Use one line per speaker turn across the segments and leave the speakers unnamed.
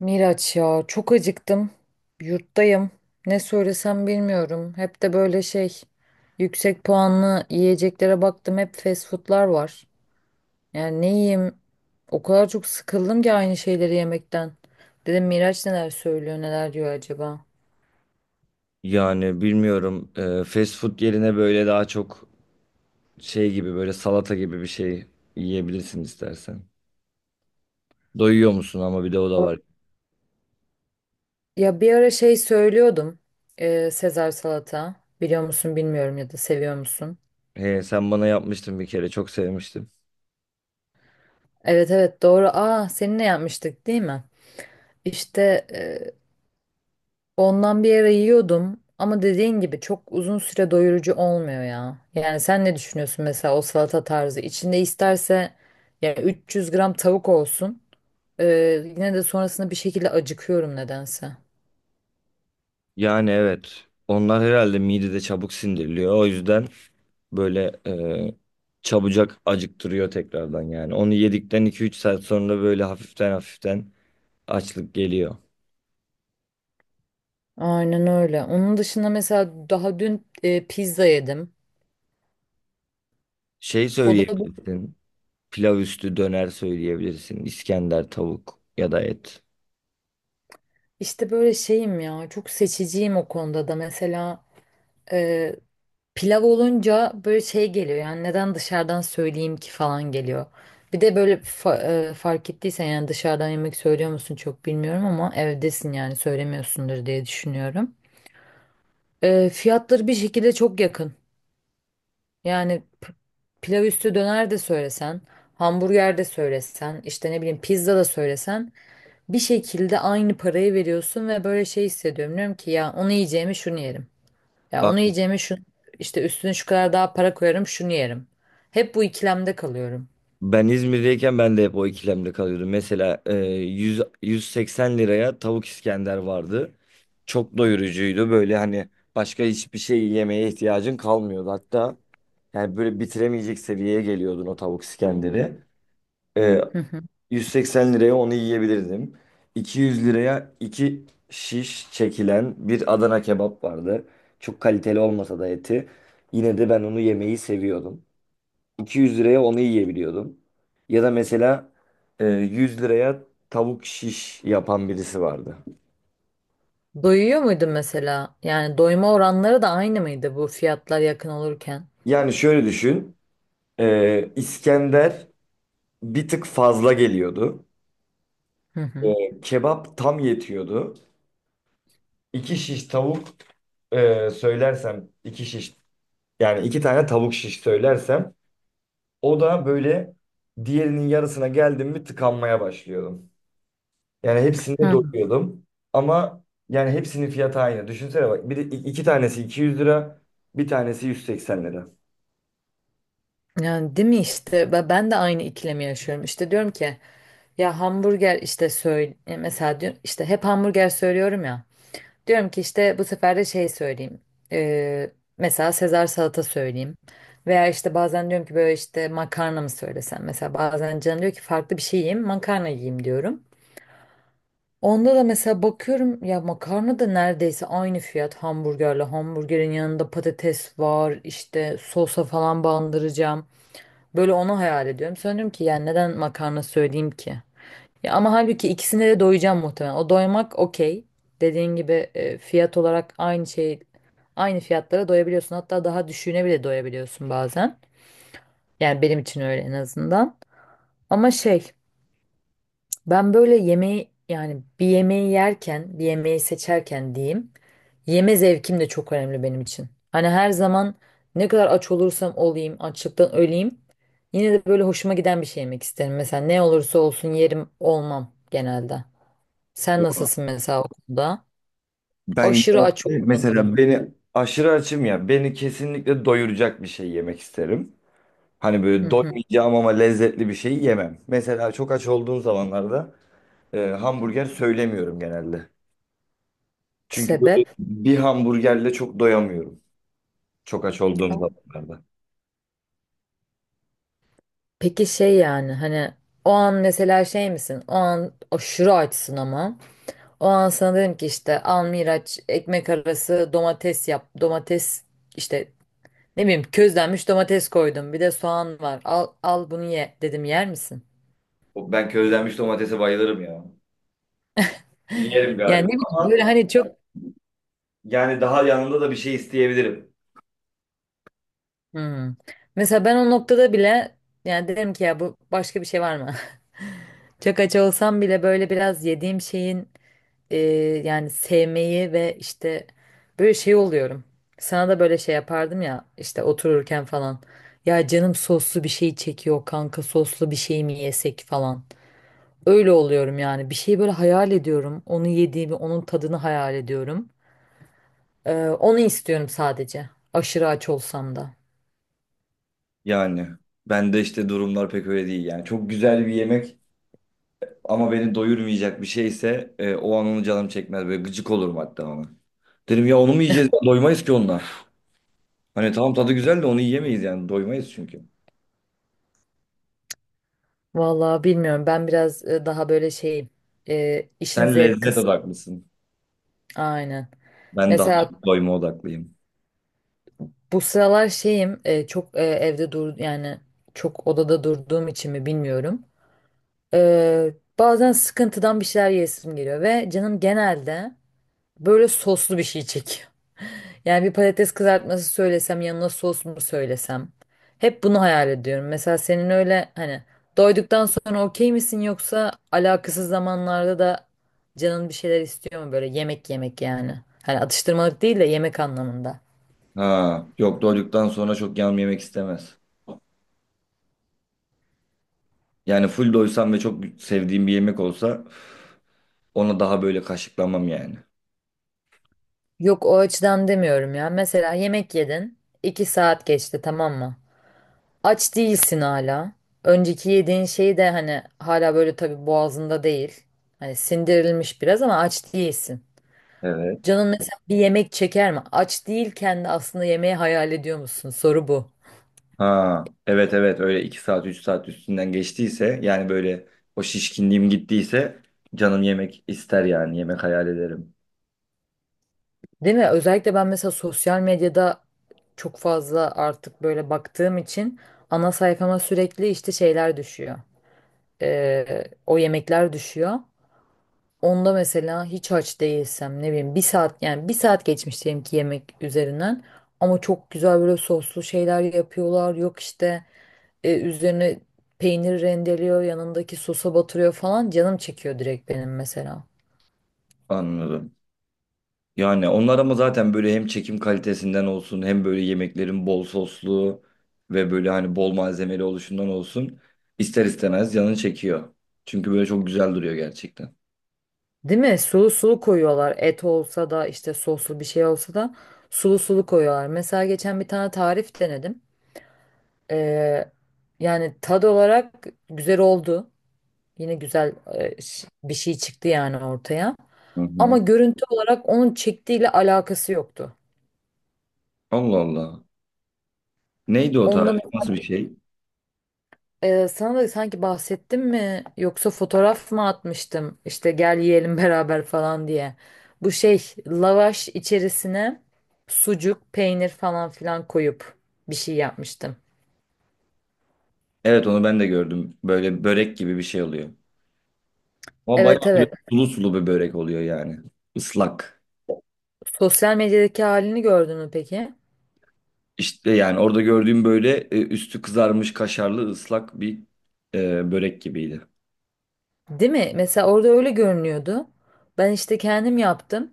Miraç ya çok acıktım. Yurttayım. Ne söylesem bilmiyorum. Hep de böyle şey yüksek puanlı yiyeceklere baktım. Hep fast foodlar var. Yani ne yiyeyim? O kadar çok sıkıldım ki aynı şeyleri yemekten. Dedim Miraç neler söylüyor, neler diyor acaba?
Yani bilmiyorum. Fast food yerine böyle daha çok şey gibi, böyle salata gibi bir şey yiyebilirsin istersen. Doyuyor musun ama, bir de o da var.
Ya bir ara şey söylüyordum. Sezar salata. Biliyor musun bilmiyorum ya da seviyor musun?
He, sen bana yapmıştın bir kere, çok sevmiştim.
Evet evet doğru. Aa seninle yapmıştık değil mi? İşte ondan bir ara yiyordum ama dediğin gibi çok uzun süre doyurucu olmuyor ya. Yani sen ne düşünüyorsun mesela o salata tarzı? İçinde isterse yani 300 gram tavuk olsun. Ee, yine de sonrasında bir şekilde acıkıyorum nedense.
Yani evet. Onlar herhalde midede çabuk sindiriliyor. O yüzden böyle çabucak acıktırıyor tekrardan yani. Onu yedikten iki üç saat sonra böyle hafiften hafiften açlık geliyor.
Aynen öyle. Onun dışında mesela daha dün pizza yedim.
Şey
O da bu-
söyleyebilirsin. Pilav üstü döner söyleyebilirsin. İskender, tavuk ya da et.
işte böyle şeyim ya, çok seçiciyim o konuda da. Mesela pilav olunca böyle şey geliyor, yani neden dışarıdan söyleyeyim ki falan geliyor. Bir de böyle fark ettiysen, yani dışarıdan yemek söylüyor musun çok bilmiyorum ama evdesin, yani söylemiyorsundur diye düşünüyorum. Fiyatları bir şekilde çok yakın. Yani p- Pilav üstü döner de söylesen, hamburger de söylesen, işte ne bileyim pizza da söylesen, bir şekilde aynı parayı veriyorsun ve böyle şey hissediyorum. Diyorum ki ya onu yiyeceğimi şunu yerim. Ya onu
Aa,
yiyeceğime şu işte üstüne şu kadar daha para koyarım şunu yerim. Hep bu ikilemde kalıyorum.
ben İzmir'deyken ben de hep o ikilemde kalıyordum. Mesela 100, 180 liraya tavuk İskender vardı. Çok doyurucuydu. Böyle hani başka hiçbir şey yemeye ihtiyacın kalmıyordu. Hatta yani böyle bitiremeyecek seviyeye geliyordun o tavuk İskender'i. E,
Hı hı.
180 liraya onu yiyebilirdim. 200 liraya iki şiş çekilen bir Adana kebap vardı. Çok kaliteli olmasa da eti. Yine de ben onu yemeyi seviyordum. 200 liraya onu yiyebiliyordum. Ya da mesela 100 liraya tavuk şiş yapan birisi vardı.
Doyuyor muydun mesela? Yani doyma oranları da aynı mıydı bu fiyatlar yakın olurken?
Yani şöyle düşün. İskender bir tık fazla geliyordu.
Hı hı.
Kebap tam yetiyordu. İki şiş tavuk, e, söylersem iki şiş yani iki tane tavuk şiş söylersem, o da böyle diğerinin yarısına geldim mi tıkanmaya başlıyordum. Yani hepsinde
Hı.
doyuyordum, ama yani hepsinin fiyatı aynı. Düşünsene bak, bir de iki tanesi 200 lira, bir tanesi 180 lira.
Yani değil mi işte. Ve ben de aynı ikilemi yaşıyorum. İşte diyorum ki ya hamburger işte söyle mesela, diyorum işte hep hamburger söylüyorum ya. Diyorum ki işte bu sefer de şey söyleyeyim. Ee, mesela Sezar salata söyleyeyim. Veya işte bazen diyorum ki böyle işte makarna mı söylesem. Mesela bazen canım diyor ki farklı bir şey yiyeyim, makarna yiyeyim diyorum. Onda da mesela bakıyorum ya makarna da neredeyse aynı fiyat hamburgerle. Hamburgerin yanında patates var, işte sosa falan bandıracağım. Böyle onu hayal ediyorum. Sonra ki yani neden makarna söyleyeyim ki? Ya ama halbuki ikisine de doyacağım muhtemelen. O doymak okey. Dediğin gibi fiyat olarak aynı şey, aynı fiyatlara doyabiliyorsun. Hatta daha düşüğüne bile doyabiliyorsun bazen. Yani benim için öyle en azından. Ama şey, ben böyle yemeği, yani bir yemeği yerken, bir yemeği seçerken diyeyim. Yeme zevkim de çok önemli benim için. Hani her zaman ne kadar aç olursam olayım, açlıktan öleyim. Yine de böyle hoşuma giden bir şey yemek isterim. Mesela ne olursa olsun yerim olmam genelde. Sen nasılsın mesela okulda?
Ben
Aşırı aç oluyorum.
beni aşırı açım ya, beni kesinlikle doyuracak bir şey yemek isterim. Hani
Hı
böyle
hı.
doymayacağım ama lezzetli bir şey yemem. Mesela çok aç olduğum zamanlarda hamburger söylemiyorum genelde. Çünkü böyle
Sebep?
bir hamburgerle çok doyamıyorum. Çok aç olduğum zamanlarda.
Peki şey, yani hani o an mesela şey misin? O an aşırı açsın ama. O an sana dedim ki işte al Miraç ekmek arası domates yap. Domates işte ne bileyim közlenmiş domates koydum. Bir de soğan var. Al al bunu ye dedim yer misin?
Ben közlenmiş domatese bayılırım ya. Yerim
Yani
galiba
ne bileyim
ama
böyle hani çok.
yani daha yanında da bir şey isteyebilirim.
Hmm. Mesela ben o noktada bile yani derim ki ya bu başka bir şey var mı? Çok aç olsam bile böyle biraz yediğim şeyin e, yani sevmeyi ve işte böyle şey oluyorum. Sana da böyle şey yapardım ya işte otururken falan. Ya canım soslu bir şey çekiyor kanka, soslu bir şey mi yesek falan. Öyle oluyorum yani, bir şeyi böyle hayal ediyorum. Onu yediğimi, onun tadını hayal ediyorum. Onu istiyorum sadece, aşırı aç olsam da.
Yani ben de işte durumlar pek öyle değil yani. Çok güzel bir yemek ama beni doyurmayacak bir şeyse, o an onu canım çekmez. Böyle gıcık olurum hatta ona. Derim ya, onu mu yiyeceğiz? Doymayız ki onunla. Hani tamam, tadı güzel de onu yiyemeyiz yani. Doymayız çünkü.
Vallahi bilmiyorum. Ben biraz daha böyle şeyim. İşin
Sen
zevk
lezzet
kısmı.
odaklısın.
Aynen.
Ben daha
Mesela
çok doyma odaklıyım.
bu sıralar şeyim çok evde dur yani, çok odada durduğum için mi bilmiyorum. E, bazen sıkıntıdan bir şeyler yesim geliyor ve canım genelde böyle soslu bir şey çekiyor. Yani bir patates kızartması söylesem, yanına sos mu söylesem? Hep bunu hayal ediyorum. Mesela senin öyle hani doyduktan sonra okey misin, yoksa alakasız zamanlarda da canın bir şeyler istiyor mu böyle yemek yemek yani? Hani atıştırmalık değil de yemek anlamında.
Ha, yok, doyduktan sonra çok yağım yemek istemez. Yani full doysam ve çok sevdiğim bir yemek olsa, ona daha böyle kaşıklamam yani.
Yok o açıdan demiyorum ya. Mesela yemek yedin. İki saat geçti tamam mı? Aç değilsin hala. Önceki yediğin şey de hani hala böyle tabii boğazında değil. Hani sindirilmiş biraz ama aç değilsin.
Evet.
Canın mesela bir yemek çeker mi? Aç değilken de aslında yemeği hayal ediyor musun? Soru bu.
Ha, evet evet, öyle iki saat 3 saat üstünden geçtiyse, yani böyle o şişkinliğim gittiyse, canım yemek ister yani, yemek hayal ederim.
Değil mi? Özellikle ben mesela sosyal medyada çok fazla artık böyle baktığım için ana sayfama sürekli işte şeyler düşüyor. O yemekler düşüyor. Onda mesela hiç aç değilsem ne bileyim bir saat, yani bir saat geçmiş diyelim ki yemek üzerinden, ama çok güzel böyle soslu şeyler yapıyorlar. Yok işte üzerine peynir rendeliyor, yanındaki sosa batırıyor falan, canım çekiyor direkt benim mesela.
Anladım. Yani onlar ama zaten böyle hem çekim kalitesinden olsun, hem böyle yemeklerin bol soslu ve böyle hani bol malzemeli oluşundan olsun, ister istemez canın çekiyor. Çünkü böyle çok güzel duruyor gerçekten.
Değil mi? Sulu sulu koyuyorlar. Et olsa da işte, soslu bir şey olsa da sulu sulu koyuyorlar. Mesela geçen bir tane tarif denedim. Ee, yani tad olarak güzel oldu. Yine güzel bir şey çıktı yani ortaya.
Hı
Ama
hı.
görüntü olarak onun çektiğiyle alakası yoktu.
Allah Allah. Neydi o
Onda
tarif? Nasıl bir şey?
Sana da sanki bahsettim mi, yoksa fotoğraf mı atmıştım işte gel yiyelim beraber falan diye. Bu şey, lavaş içerisine sucuk, peynir falan filan koyup bir şey yapmıştım.
Evet, onu ben de gördüm. Böyle börek gibi bir şey oluyor. Ama
Evet
bayağı böyle
evet.
sulu sulu bir börek oluyor yani. Islak.
Sosyal medyadaki halini gördün mü peki?
İşte yani orada gördüğüm böyle üstü kızarmış kaşarlı ıslak bir börek gibiydi.
Değil mi? Mesela orada öyle görünüyordu. Ben işte kendim yaptım.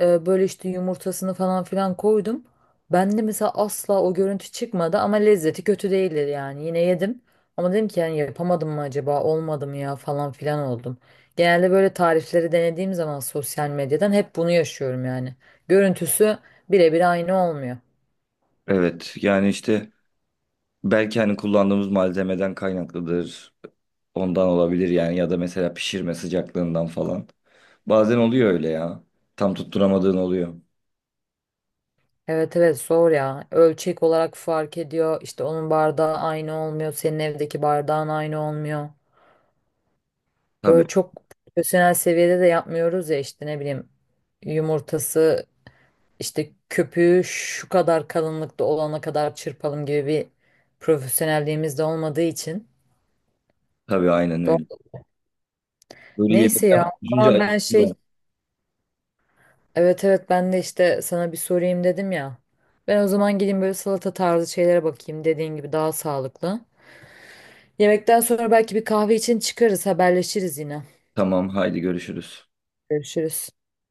Böyle işte yumurtasını falan filan koydum. Bende mesela asla o görüntü çıkmadı ama lezzeti kötü değildi yani. Yine yedim ama dedim ki yani yapamadım mı acaba, olmadı mı ya falan filan oldum. Genelde böyle tarifleri denediğim zaman sosyal medyadan hep bunu yaşıyorum yani. Görüntüsü birebir aynı olmuyor.
Evet yani işte belki hani kullandığımız malzemeden kaynaklıdır. Ondan olabilir yani, ya da mesela pişirme sıcaklığından falan. Bazen oluyor öyle ya. Tam tutturamadığın oluyor.
Evet evet zor ya. Ölçek olarak fark ediyor. İşte onun bardağı aynı olmuyor. Senin evdeki bardağın aynı olmuyor.
Tabii
Böyle çok profesyonel seviyede de yapmıyoruz ya, işte ne bileyim yumurtası, İşte köpüğü şu kadar kalınlıkta olana kadar çırpalım gibi bir profesyonelliğimiz de olmadığı için.
tabii, aynen öyle.
Do-
Böyle
Neyse
yemekten
ya,
düşünce
ama ben
acıktım ben.
şey, evet evet, ben de işte sana bir sorayım dedim ya. Ben o zaman gideyim böyle salata tarzı şeylere bakayım, dediğin gibi daha sağlıklı. Yemekten sonra belki bir kahve için çıkarız, haberleşiriz yine.
Tamam, haydi görüşürüz.
Görüşürüz.